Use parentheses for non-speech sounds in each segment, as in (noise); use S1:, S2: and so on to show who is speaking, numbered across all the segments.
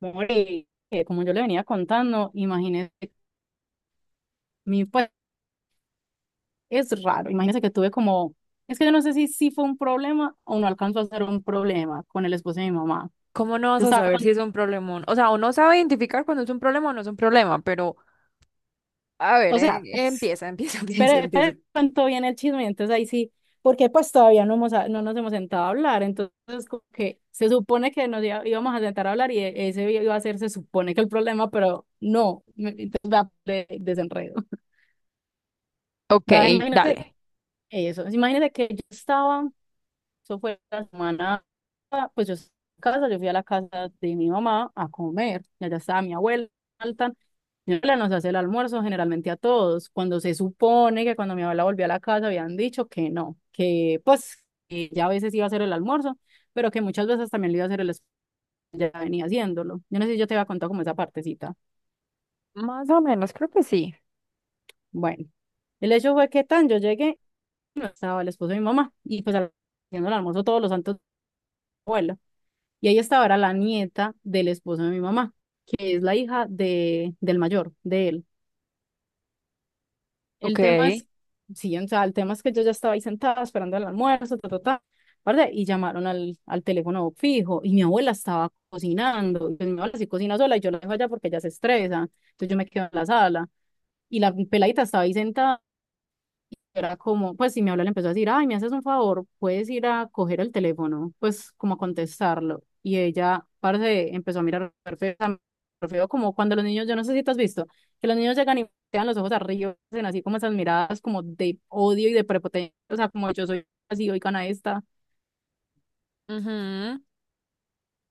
S1: Mori, como yo le venía contando, imagínese, mi pues es raro, imagínese que tuve como, es que yo no sé si fue un problema o no alcanzó a ser un problema con el esposo de mi mamá.
S2: ¿Cómo no
S1: Yo
S2: vas a
S1: estaba
S2: saber
S1: con-
S2: si es un problemón? O sea, uno sabe identificar cuando es un problema o no es un problema, pero a ver,
S1: o sea, (laughs)
S2: empieza, empieza, (laughs) empieza,
S1: espere, espere,
S2: empieza.
S1: cuento bien el chisme, entonces ahí sí, porque pues todavía no, no nos hemos sentado a hablar, entonces como que se supone que íbamos a sentar a hablar y ese iba a ser, se supone que el problema, pero no, entonces va de desenredo.
S2: Ok,
S1: Va, imagínese
S2: dale.
S1: eso, imagínese que yo estaba. Eso fue la semana, pues yo estaba en casa, yo fui a la casa de mi mamá a comer, y allá estaba mi abuela, alta. Mi abuela nos hace el almuerzo generalmente a todos, cuando se supone que cuando mi abuela volvió a la casa habían dicho que no, que pues que ya a veces iba a hacer el almuerzo, pero que muchas veces también le iba a hacer el esposo, ya venía haciéndolo. Yo no sé si yo te había contado como esa partecita.
S2: Más o menos, creo que sí.
S1: Bueno, el hecho fue que tan yo llegué, no estaba el esposo de mi mamá, y pues haciendo el almuerzo todos los santos abuelos. Y ahí estaba, era la nieta del esposo de mi mamá, que es la hija del mayor, de él. El
S2: Ok.
S1: tema es, sí, o sea, el tema es que yo ya estaba ahí sentada esperando el almuerzo, ta, ta, ta, ¿verdad? Y llamaron al teléfono fijo y mi abuela estaba cocinando. Y pues mi abuela sí cocina sola y yo la dejo allá porque ella se estresa. Entonces yo me quedo en la sala y la peladita estaba ahí sentada, era como, pues si mi abuela le empezó a decir, ay, me haces un favor, puedes ir a coger el teléfono, pues como a contestarlo. Y ella, parce, empezó a mirar re feo, a mirar re feo, como cuando los niños, yo no sé si te has visto, que los niños llegan y dan los ojos arriba, hacen así como esas miradas como de odio y de prepotencia, o sea, como yo soy así, oigan a esta.
S2: Ujú.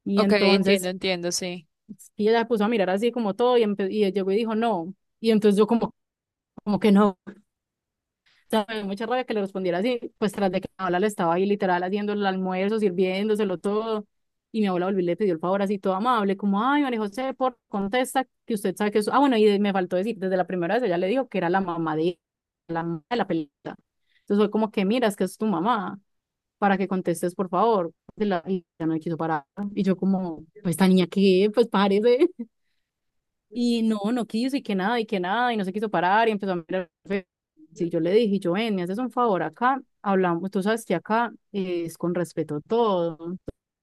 S1: Y
S2: Ok, entiendo,
S1: entonces
S2: entiendo, sí.
S1: y ella se puso a mirar así como todo y, y llegó y dijo, no. Y entonces yo como, como que no. Sea, me dio mucha rabia que le respondiera así, pues tras de que mi abuela le estaba ahí literal haciendo el almuerzo, sirviéndoselo todo, y mi abuela volvió y le pidió el favor así todo amable, como, ay, María José, por contesta, que usted sabe que eso, ah, bueno, y me faltó decir, desde la primera vez ella le dijo que era la mamá de mamá de la pelita, entonces fue como que, mira, es que es tu mamá, para que contestes, por favor, y y ella no me quiso parar, y yo como, pues esta niña qué, pues parece, y no, no quiso y que nada, y que nada, y no se quiso parar y empezó a mirar. Sí, yo le dije, yo ven, me haces un favor acá, hablamos, tú sabes que acá es con respeto todo.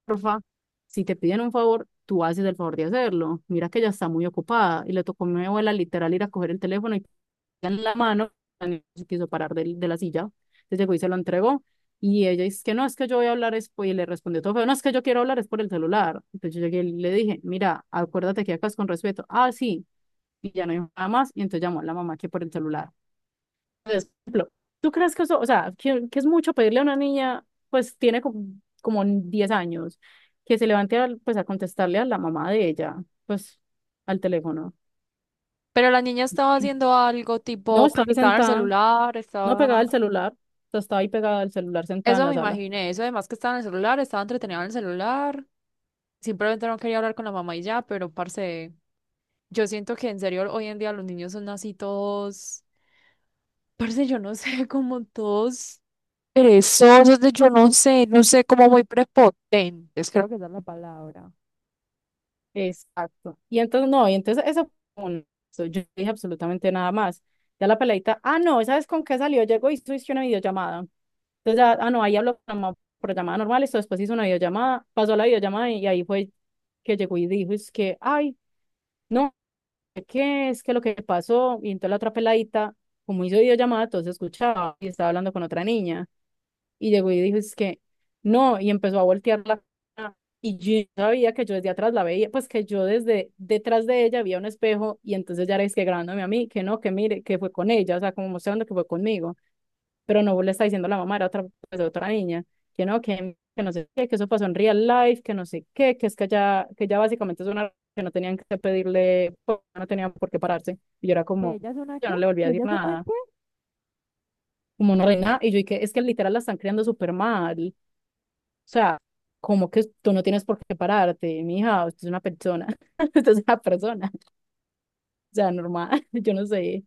S1: Porfa, si te piden un favor, tú haces el favor de hacerlo. Mira que ella está muy ocupada y le tocó a mi abuela literal ir a coger el teléfono y en la mano, no se quiso parar de la silla. Entonces llegó y se lo entregó. Y ella dice que no, es que yo voy a hablar, y le respondió todo feo, no, es que yo quiero hablar, es por el celular. Entonces yo llegué y le dije, mira, acuérdate que acá es con respeto. Ah, sí, y ya no dijo nada más, y entonces llamó a la mamá que por el celular. Entonces, por ejemplo, ¿tú crees que eso, o sea, que es mucho pedirle a una niña, pues tiene como, 10 años, que se levante a, pues, a contestarle a la mamá de ella, pues al teléfono?
S2: Pero la niña estaba haciendo algo
S1: No,
S2: tipo, pues
S1: estaba ahí
S2: estaba en el
S1: sentada,
S2: celular,
S1: no
S2: estaba...
S1: pegada al celular, o sea, estaba ahí pegada al celular sentada en
S2: Eso
S1: la
S2: me
S1: sala.
S2: imaginé, eso además que estaba en el celular, estaba entretenida en el celular. Simplemente no quería hablar con la mamá y ya, pero parce, yo siento que en serio hoy en día los niños son así todos... Parce, yo no sé, como todos perezosos, de yo no sé, no sé, como muy prepotentes, creo que esa es la palabra.
S1: Exacto. Y entonces, no, y entonces eso fue un- eso, yo no dije absolutamente nada más. Ya la peladita, ah, no, ¿sabes con qué salió? Llegó y hizo una videollamada. Entonces, ya, ah, no, ahí habló por llamada normal, esto después hizo una videollamada, pasó la videollamada y, ahí fue que llegó y dijo, es que, ay, no, es que lo que pasó, y entonces la otra peladita, como hizo videollamada, entonces escuchaba y estaba hablando con otra niña. Y llegó y dijo, es que no, y empezó a voltear la cara. Y yo no sabía que yo desde atrás la veía, pues que yo desde detrás de ella había un espejo y entonces ya era es que grabándome a mí, que no, que mire, que fue con ella, o sea, como mostrando que fue conmigo, pero no le está diciendo la mamá, era otra, pues, otra niña, que no sé qué, que eso pasó en real life, que no sé qué, que es que ya básicamente es una que no tenían que pedirle, pues, no tenían por qué pararse. Y yo era
S2: ¿Que
S1: como,
S2: ella es una
S1: yo
S2: qué?
S1: no le volví a
S2: ¿Que
S1: decir
S2: ella es una
S1: nada,
S2: qué?
S1: como no reina, y yo dije, es que literal la están creando súper mal, o sea, como que tú no tienes por qué pararte, mija, usted es una persona, (laughs) usted es una persona, o sea, normal, (laughs) yo no sé.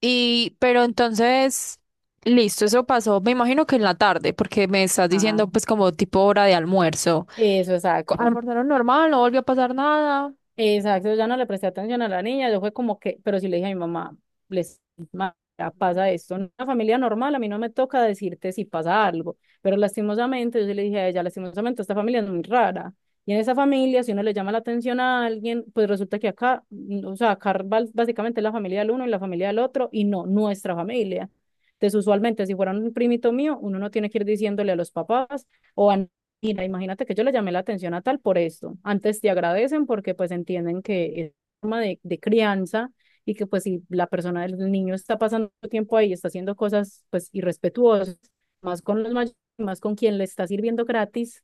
S2: Y, pero entonces, listo, eso pasó, me imagino que en la tarde, porque me estás
S1: Ah,
S2: diciendo pues como tipo hora de almuerzo.
S1: eso,
S2: Co-
S1: exacto.
S2: almorzaron normal, no volvió a pasar nada,
S1: Exacto, ya no le presté atención a la niña, yo fue como que, pero sí le dije a mi mamá, les ya pasa esto, en una familia normal a mí no me toca decirte si pasa algo, pero lastimosamente yo sí le dije a ella, lastimosamente esta familia es muy rara, y en esa familia si uno le llama la atención a alguien, pues resulta que acá, o sea, básicamente es la familia del uno y la familia del otro, y no nuestra familia. Entonces usualmente si fuera un primito mío, uno no tiene que ir diciéndole a los papás, o a. Mira, imagínate que yo le llamé la atención a tal por esto. Antes te agradecen porque pues entienden que es forma de crianza y que pues si la persona del niño está pasando tiempo ahí, está haciendo cosas pues irrespetuosas, más con los mayores, más con quien le está sirviendo gratis,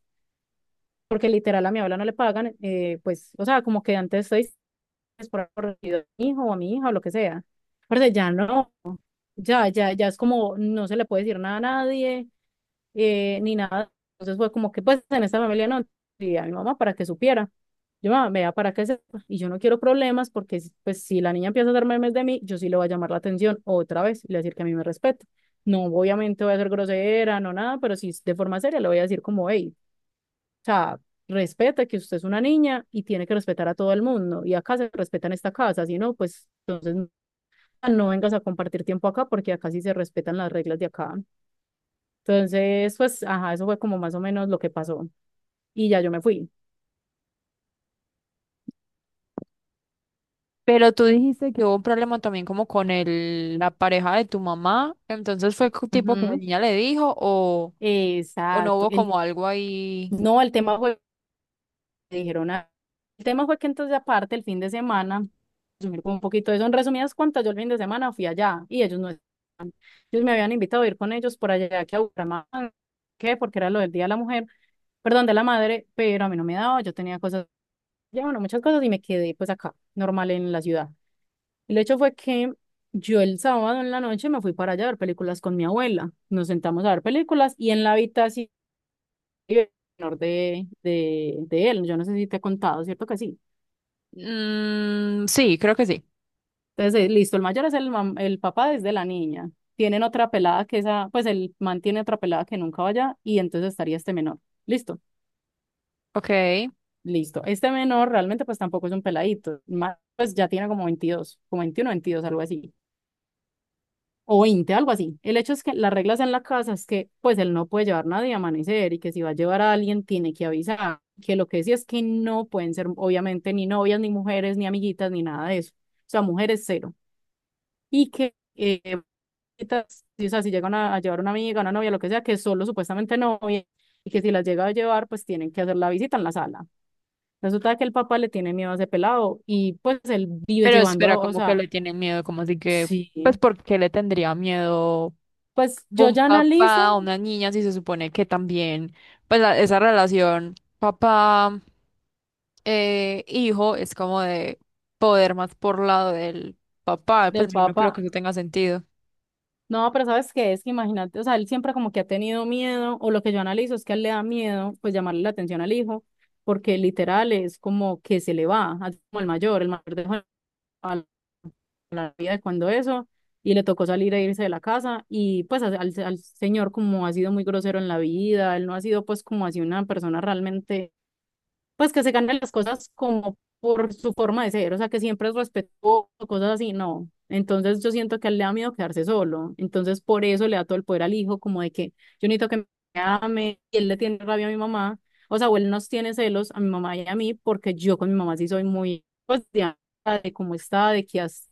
S1: porque literal a mi abuela no le pagan, pues, o sea, como que antes estoy por a mi hijo o a mi hija o lo que sea. Pero ya no, ya, ya, ya es como no se le puede decir nada a nadie, ni nada. Entonces fue como que pues en esta familia no, y a mi mamá para que supiera. Yo, mamá, vea, para que sepa. Y yo no quiero problemas porque pues si la niña empieza a hacer memes de mí, yo sí le voy a llamar la atención otra vez y le voy a decir que a mí me respeta. No, obviamente voy a ser grosera, no nada, pero sí de forma seria le voy a decir como, hey, o sea, respeta que usted es una niña y tiene que respetar a todo el mundo. Y acá se respeta en esta casa, si no, pues entonces no vengas a compartir tiempo acá porque acá sí se respetan las reglas de acá. Entonces, pues, ajá, eso fue como más o menos lo que pasó. Y ya yo me fui.
S2: pero tú dijiste que hubo un problema también como con el, la pareja de tu mamá, entonces fue co- tipo que la
S1: Ujú.
S2: niña le dijo o no
S1: Exacto.
S2: hubo
S1: El,
S2: como algo ahí.
S1: no, el tema fue, me dijeron, ah, el tema fue que entonces aparte el fin de semana, resumir como un poquito de eso, en resumidas cuentas, yo el fin de semana fui allá y ellos no, ellos me habían invitado a ir con ellos por allá que a Bucaramanga, ¿qué? Porque era lo del Día de la Mujer, perdón, de la Madre, pero a mí no me daba, yo tenía cosas, ya bueno, muchas cosas y me quedé pues acá, normal en la ciudad. El hecho fue que yo el sábado en la noche me fui para allá a ver películas con mi abuela. Nos sentamos a ver películas y en la habitación menor de él, yo no sé si te he contado, ¿cierto que sí?
S2: Mm, sí, creo que sí.
S1: Entonces, listo, el mayor es el papá desde la niña. Tienen otra pelada que esa, pues el man tiene otra pelada que nunca vaya y entonces estaría este menor. Listo,
S2: Ok.
S1: listo. Este menor realmente pues tampoco es un peladito, más, pues ya tiene como 22 como 21 22 algo así. O 20 algo así. El hecho es que las reglas en la casa es que pues él no puede llevar nadie a amanecer y que si va a llevar a alguien tiene que avisar, que lo que sí es que no pueden ser obviamente ni novias, ni mujeres, ni amiguitas, ni nada de eso. O sea, mujeres cero. Y que, o sea, si llegan a llevar una amiga, una novia, lo que sea, que solo supuestamente novia y que si las llega a llevar pues tienen que hacer la visita en la sala. Resulta que el papá le tiene miedo a ese pelado y pues él vive
S2: Pero espera,
S1: llevando, o
S2: como que
S1: sea,
S2: le tienen miedo, como así que, pues,
S1: sí.
S2: ¿por qué le tendría miedo
S1: Pues yo
S2: un
S1: ya
S2: papá a
S1: analizo
S2: una niña si se supone que también, pues, la- esa relación papá, hijo es como de poder más por lado del papá? Pues
S1: del
S2: yo no creo que
S1: papá.
S2: eso tenga sentido.
S1: No, pero ¿sabes qué es? Que imagínate, o sea, él siempre como que ha tenido miedo, o lo que yo analizo es que a él le da miedo, pues llamarle la atención al hijo, porque literal es como que se le va, así como el mayor dejó a la vida de cuando eso, y le tocó salir e irse de la casa, y pues al señor como ha sido muy grosero en la vida, él no ha sido pues como así una persona realmente pues que se ganen las cosas como por su forma de ser, o sea, que siempre es respetuoso, cosas así, no. Entonces yo siento que a él le da miedo quedarse solo, entonces por eso le da todo el poder al hijo, como de que yo necesito que me ame, y él le tiene rabia a mi mamá, o sea, o él nos tiene celos a mi mamá y a mí, porque yo con mi mamá sí soy muy, pues, de cómo está, de qué hace,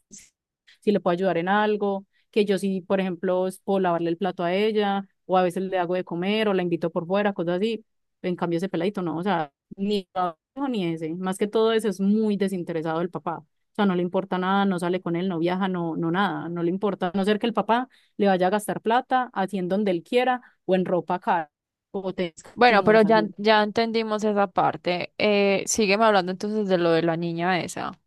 S1: si le puedo ayudar en algo, que yo sí, por ejemplo, es puedo lavarle el plato a ella, o a veces le hago de comer, o la invito por fuera, cosas así. En cambio, ese peladito no, o sea, ni lo hijo ni ese. Más que todo eso es muy desinteresado el papá. O sea, no le importa nada, no sale con él, no viaja, no, no nada, no le importa. A no ser que el papá le vaya a gastar plata, haciendo donde él quiera o en ropa cara o
S2: Bueno, pero
S1: testimos
S2: ya,
S1: así.
S2: ya entendimos esa parte. Sígueme hablando entonces de lo de la niña esa.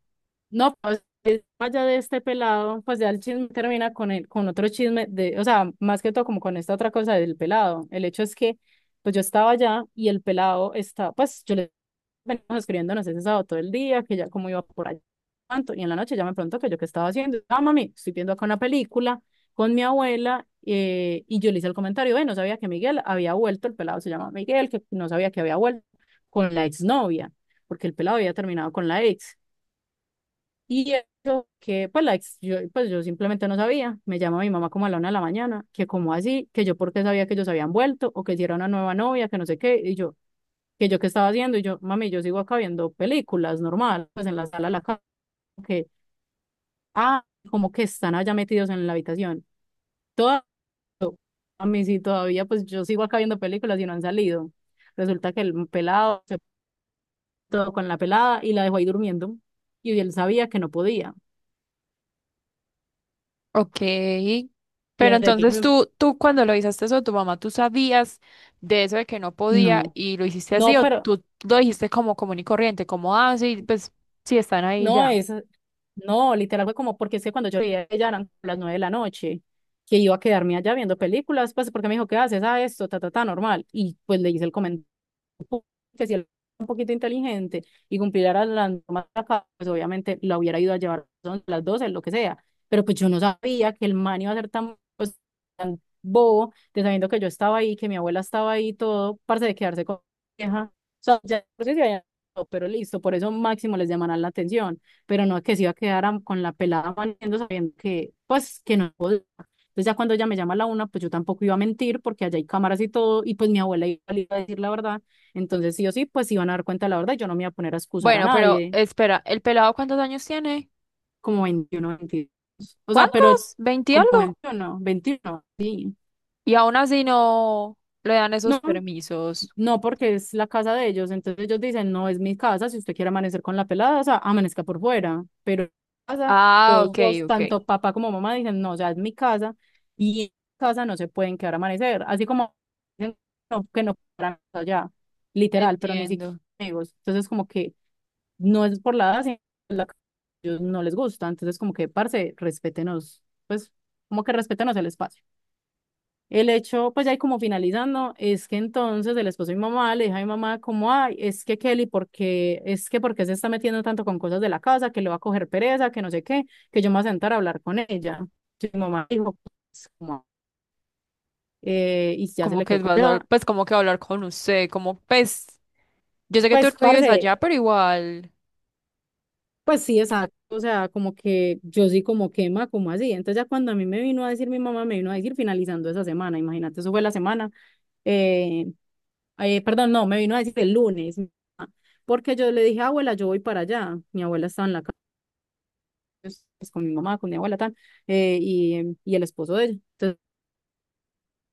S1: No, pues es- más allá de este pelado, pues ya el chisme termina con el, con otro chisme de, o sea, más que todo como con esta otra cosa del pelado. El hecho es que, pues yo estaba allá y el pelado está, pues yo le venimos escribiéndonos ese sábado todo el día, que ya como iba por allá tanto, y en la noche ya me preguntó que yo qué estaba haciendo. Ah, mami, estoy viendo acá una película con mi abuela, y yo le hice el comentario, no sabía que Miguel había vuelto, el pelado se llama Miguel, que no sabía que había vuelto con la exnovia, porque el pelado había terminado con la ex. Y eso que, pues, la ex- yo, pues yo simplemente no sabía. Me llama mi mamá como a la 1 de la mañana, que como así, que yo porque sabía que ellos habían vuelto o que si era una nueva novia, que no sé qué. Y yo, que yo qué estaba haciendo. Y yo, mami, yo sigo acá viendo películas normal, pues en la sala de la casa. Que, ah, como que están allá metidos en la habitación. Todo, a mí sí, todavía, pues yo sigo acá viendo películas y no han salido. Resulta que el pelado se puso con la pelada y la dejó ahí durmiendo. Y él sabía que no podía.
S2: Ok,
S1: Y
S2: pero entonces
S1: enseguida,
S2: tú cuando lo hiciste eso, tu mamá, ¿tú sabías de eso de que no podía
S1: no.
S2: y lo hiciste así
S1: No,
S2: o
S1: pero
S2: tú lo dijiste como común y corriente, como, ah, sí, pues sí están ahí ya?
S1: no, es, no, literal fue como porque es que cuando yo veía ella eran las 9 de la noche, que iba a quedarme allá viendo películas, pues porque me dijo, ¿qué haces? Ah, esto, ta, ta, ta, normal. Y pues le hice el comentario que si él era un poquito inteligente y cumpliera las normas pues obviamente la hubiera ido a llevar a las 12, lo que sea. Pero pues yo no sabía que el man iba a ser tan, pues, tan bobo, de sabiendo que yo estaba ahí, que mi abuela estaba ahí, todo, parce de quedarse con mi vieja. O sea, ya no sé si había- pero listo, por eso máximo les llamarán la atención, pero no es que se iba a quedar am- con la pelada maniendo sabiendo que, pues, que no podía. Entonces ya cuando ella me llama a la 1, pues yo tampoco iba a mentir porque allá hay cámaras y todo, y pues mi abuela iba a decir la verdad, entonces, sí o sí, pues iban a dar cuenta de la verdad. Yo no me iba a poner a excusar a
S2: Bueno, pero
S1: nadie,
S2: espera, ¿el pelado cuántos años tiene?
S1: como 21 22. O sea, pero
S2: ¿Cuántos? ¿Veinte y
S1: como
S2: algo?
S1: veintiuno sí.
S2: Y aún así no le dan esos
S1: No,
S2: permisos.
S1: no, porque es la casa de ellos. Entonces ellos dicen, no, es mi casa. Si usted quiere amanecer con la pelada, o sea, amanezca por fuera. Pero en mi casa,
S2: Ah,
S1: todos
S2: ok,
S1: dos,
S2: ok,
S1: tanto papá como mamá, dicen, no, ya es mi casa. Y en mi casa no se pueden quedar a amanecer. Así como dicen, no, que no para allá, literal, pero ni siquiera
S2: entiendo.
S1: amigos. Entonces, como que no es por la edad, sino por la que ellos no les gusta. Entonces, como que, parce, respétenos, pues, como que respétenos el espacio. El hecho, pues ya ahí como finalizando, es que entonces el esposo de mi mamá le dijo a mi mamá como, ay, es que Kelly, porque es que porque se está metiendo tanto con cosas de la casa, que le va a coger pereza, que no sé qué, que yo me voy a sentar a hablar con ella. Y mi mamá dijo, pues, como, y ya se
S2: Como
S1: le
S2: que
S1: quedó con
S2: vas a,
S1: ella.
S2: pues como que hablar con usted, como, pues, yo sé que tú
S1: Pues,
S2: no vives
S1: parce,
S2: allá, pero igual.
S1: pues sí, exacto, o sea, como que yo sí como quema, como así. Entonces ya cuando a mí me vino a decir mi mamá, me vino a decir finalizando esa semana, imagínate, eso fue la semana, eh, perdón, no, me vino a decir el lunes, porque yo le dije, abuela, yo voy para allá. Mi abuela estaba en la casa, pues, con mi mamá, con mi abuela, tal, y y el esposo de ella. Entonces,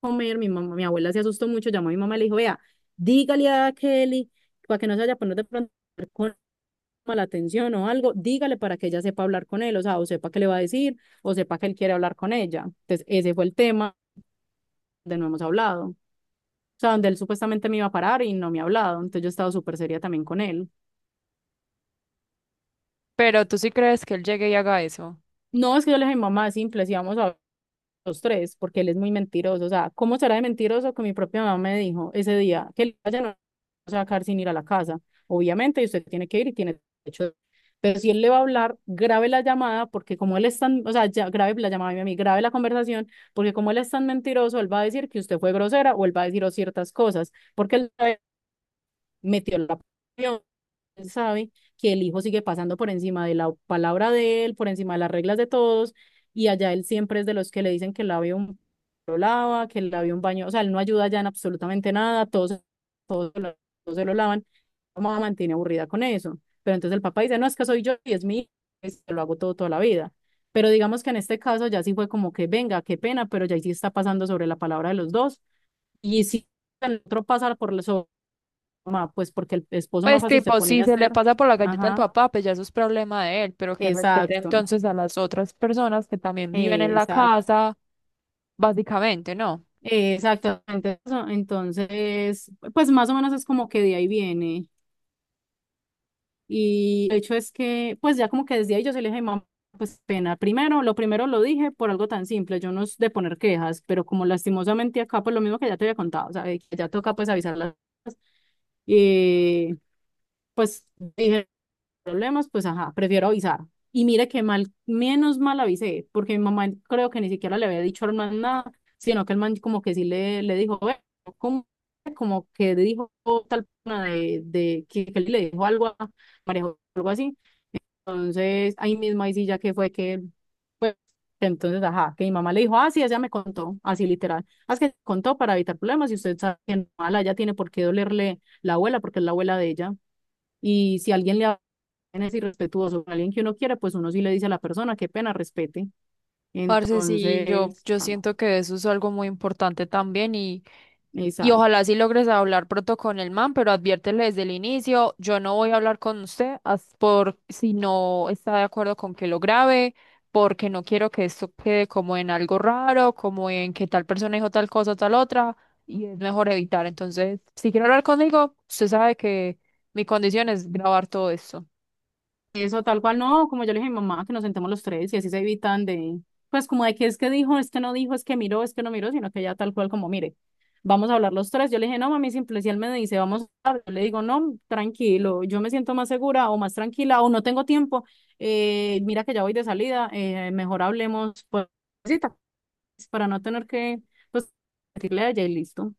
S1: comer, mi mamá, mi abuela se asustó mucho, llamó a mi mamá y le dijo, vea, dígale a Kelly, para que no se vaya a poner de pronto la atención o algo, dígale para que ella sepa hablar con él, o sea, o sepa qué le va a decir, o sepa que él quiere hablar con ella. Entonces, ese fue el tema donde no hemos hablado. O sea, donde él supuestamente me iba a parar y no me ha hablado. Entonces yo he estado súper seria también con él.
S2: Pero tú sí crees que él llegue y haga eso.
S1: No, es que yo le dije, mamá, es simple, si vamos a los tres, porque él es muy mentiroso. O sea, ¿cómo será de mentiroso que mi propia mamá me dijo ese día que el vaya no va a sacar sin ir a la casa? Obviamente, usted tiene que ir y tiene derecho. De- pero si él le va a hablar, grabe la llamada, porque como él es tan, o sea, ya, grabe la llamada a mí, grabe la conversación, porque como él es tan mentiroso, él va a decir que usted fue grosera o él va a decir o ciertas cosas, porque él metió la presión, él sabe que el hijo sigue pasando por encima de la palabra de él, por encima de las reglas de todos, y allá él siempre es de los que le dicen que el labio un lo lava, que el labio un baño, o sea, él no ayuda ya en absolutamente nada, todos, todos, se lo todos se lo lavan, la mamá mantiene aburrida con eso, pero entonces el papá dice, no, es que soy yo y es mi hijo, pues, lo hago todo toda la vida. Pero digamos que en este caso ya sí fue como que venga, qué pena, pero ya ahí sí está pasando sobre la palabra de los dos. Y si el otro pasa por los mamá, pues porque el esposo más
S2: Pues
S1: fácil se
S2: tipo, si
S1: ponía a
S2: se le
S1: hacer.
S2: pasa por la galleta al
S1: Ajá,
S2: papá, pues ya eso es problema de él, pero que respete
S1: exacto,
S2: entonces a las otras personas que también viven en la
S1: exacto,
S2: casa, básicamente, ¿no?
S1: exactamente. Eso. Entonces, pues más o menos es como que de ahí viene. Y el hecho es que, pues ya como que desde ahí yo se le dije, mamá, pues pena. Primero lo dije por algo tan simple, yo no es de poner quejas, pero como lastimosamente acá, pues lo mismo que ya te había contado, o sea, de que ya toca pues avisar las cosas. Y pues dije, problemas, pues ajá, prefiero avisar. Y mire que mal, menos mal avisé, porque mi mamá creo que ni siquiera le había dicho al man nada, sino que el man como que sí le dijo, "Ve, ¿cómo?", como que dijo tal persona de que le dijo algo a María Jo- algo así. Entonces, ahí mismo, ahí sí ya que fue que, pues, entonces, ajá, que mi mamá le dijo, ah, sí, ella me contó, así literal, ah, es que contó para evitar problemas y usted sabe que no, mala, ella tiene por qué dolerle la abuela, porque es la abuela de ella. Y si alguien le es irrespetuoso con alguien que uno quiere pues uno sí le dice a la persona, qué pena, respete.
S2: Parce, sí, yo,
S1: Entonces,
S2: yo
S1: ah,
S2: siento que eso es algo muy importante también y
S1: exacto.
S2: ojalá sí logres hablar pronto con el man, pero adviértele desde el inicio, yo no voy a hablar con usted as- por si no está de acuerdo con que lo grabe, porque no quiero que esto quede como en algo raro, como en que tal persona dijo tal cosa, tal otra, y es mejor evitar. Entonces, si quiere hablar conmigo, usted sabe que mi condición es grabar todo esto.
S1: Eso tal cual, no, como yo le dije a mi mamá, que nos sentemos los tres y así se evitan de, pues como de que es que dijo, es que no dijo, es que miró, es que no miró, sino que ya tal cual como, mire, vamos a hablar los tres. Yo le dije, no, mami, simple, si él me dice, vamos a hablar, yo le digo, no, tranquilo, yo me siento más segura o más tranquila o no tengo tiempo, mira que ya voy de salida, mejor hablemos, pues, cita, pues, para no tener que, pues, decirle a ella y listo.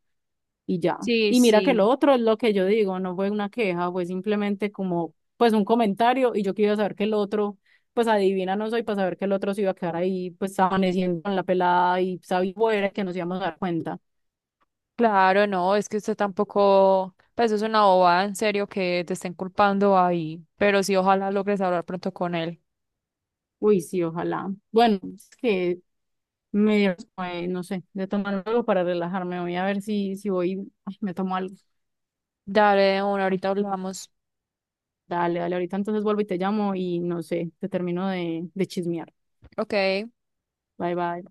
S1: Y ya.
S2: Sí,
S1: Y mira que lo
S2: sí.
S1: otro es lo que yo digo, no fue una queja, fue simplemente como, pues un comentario y yo quería saber que el otro, pues adivina no soy para saber que el otro se iba a quedar ahí, pues amaneciendo con la pelada y sabía fuera que nos íbamos a dar cuenta.
S2: Claro, no, es que usted tampoco, pues es una bobada en serio que te estén culpando ahí, pero sí, ojalá logres hablar pronto con él.
S1: Uy, sí, ojalá. Bueno, es que me dieron, no sé, de tomar algo para relajarme, voy a ver si, si voy, ay, me tomo algo.
S2: Dale, de una, ahorita hablamos.
S1: Dale, dale, ahorita entonces vuelvo y te llamo y no sé, te termino de chismear.
S2: Ok.
S1: Bye, bye.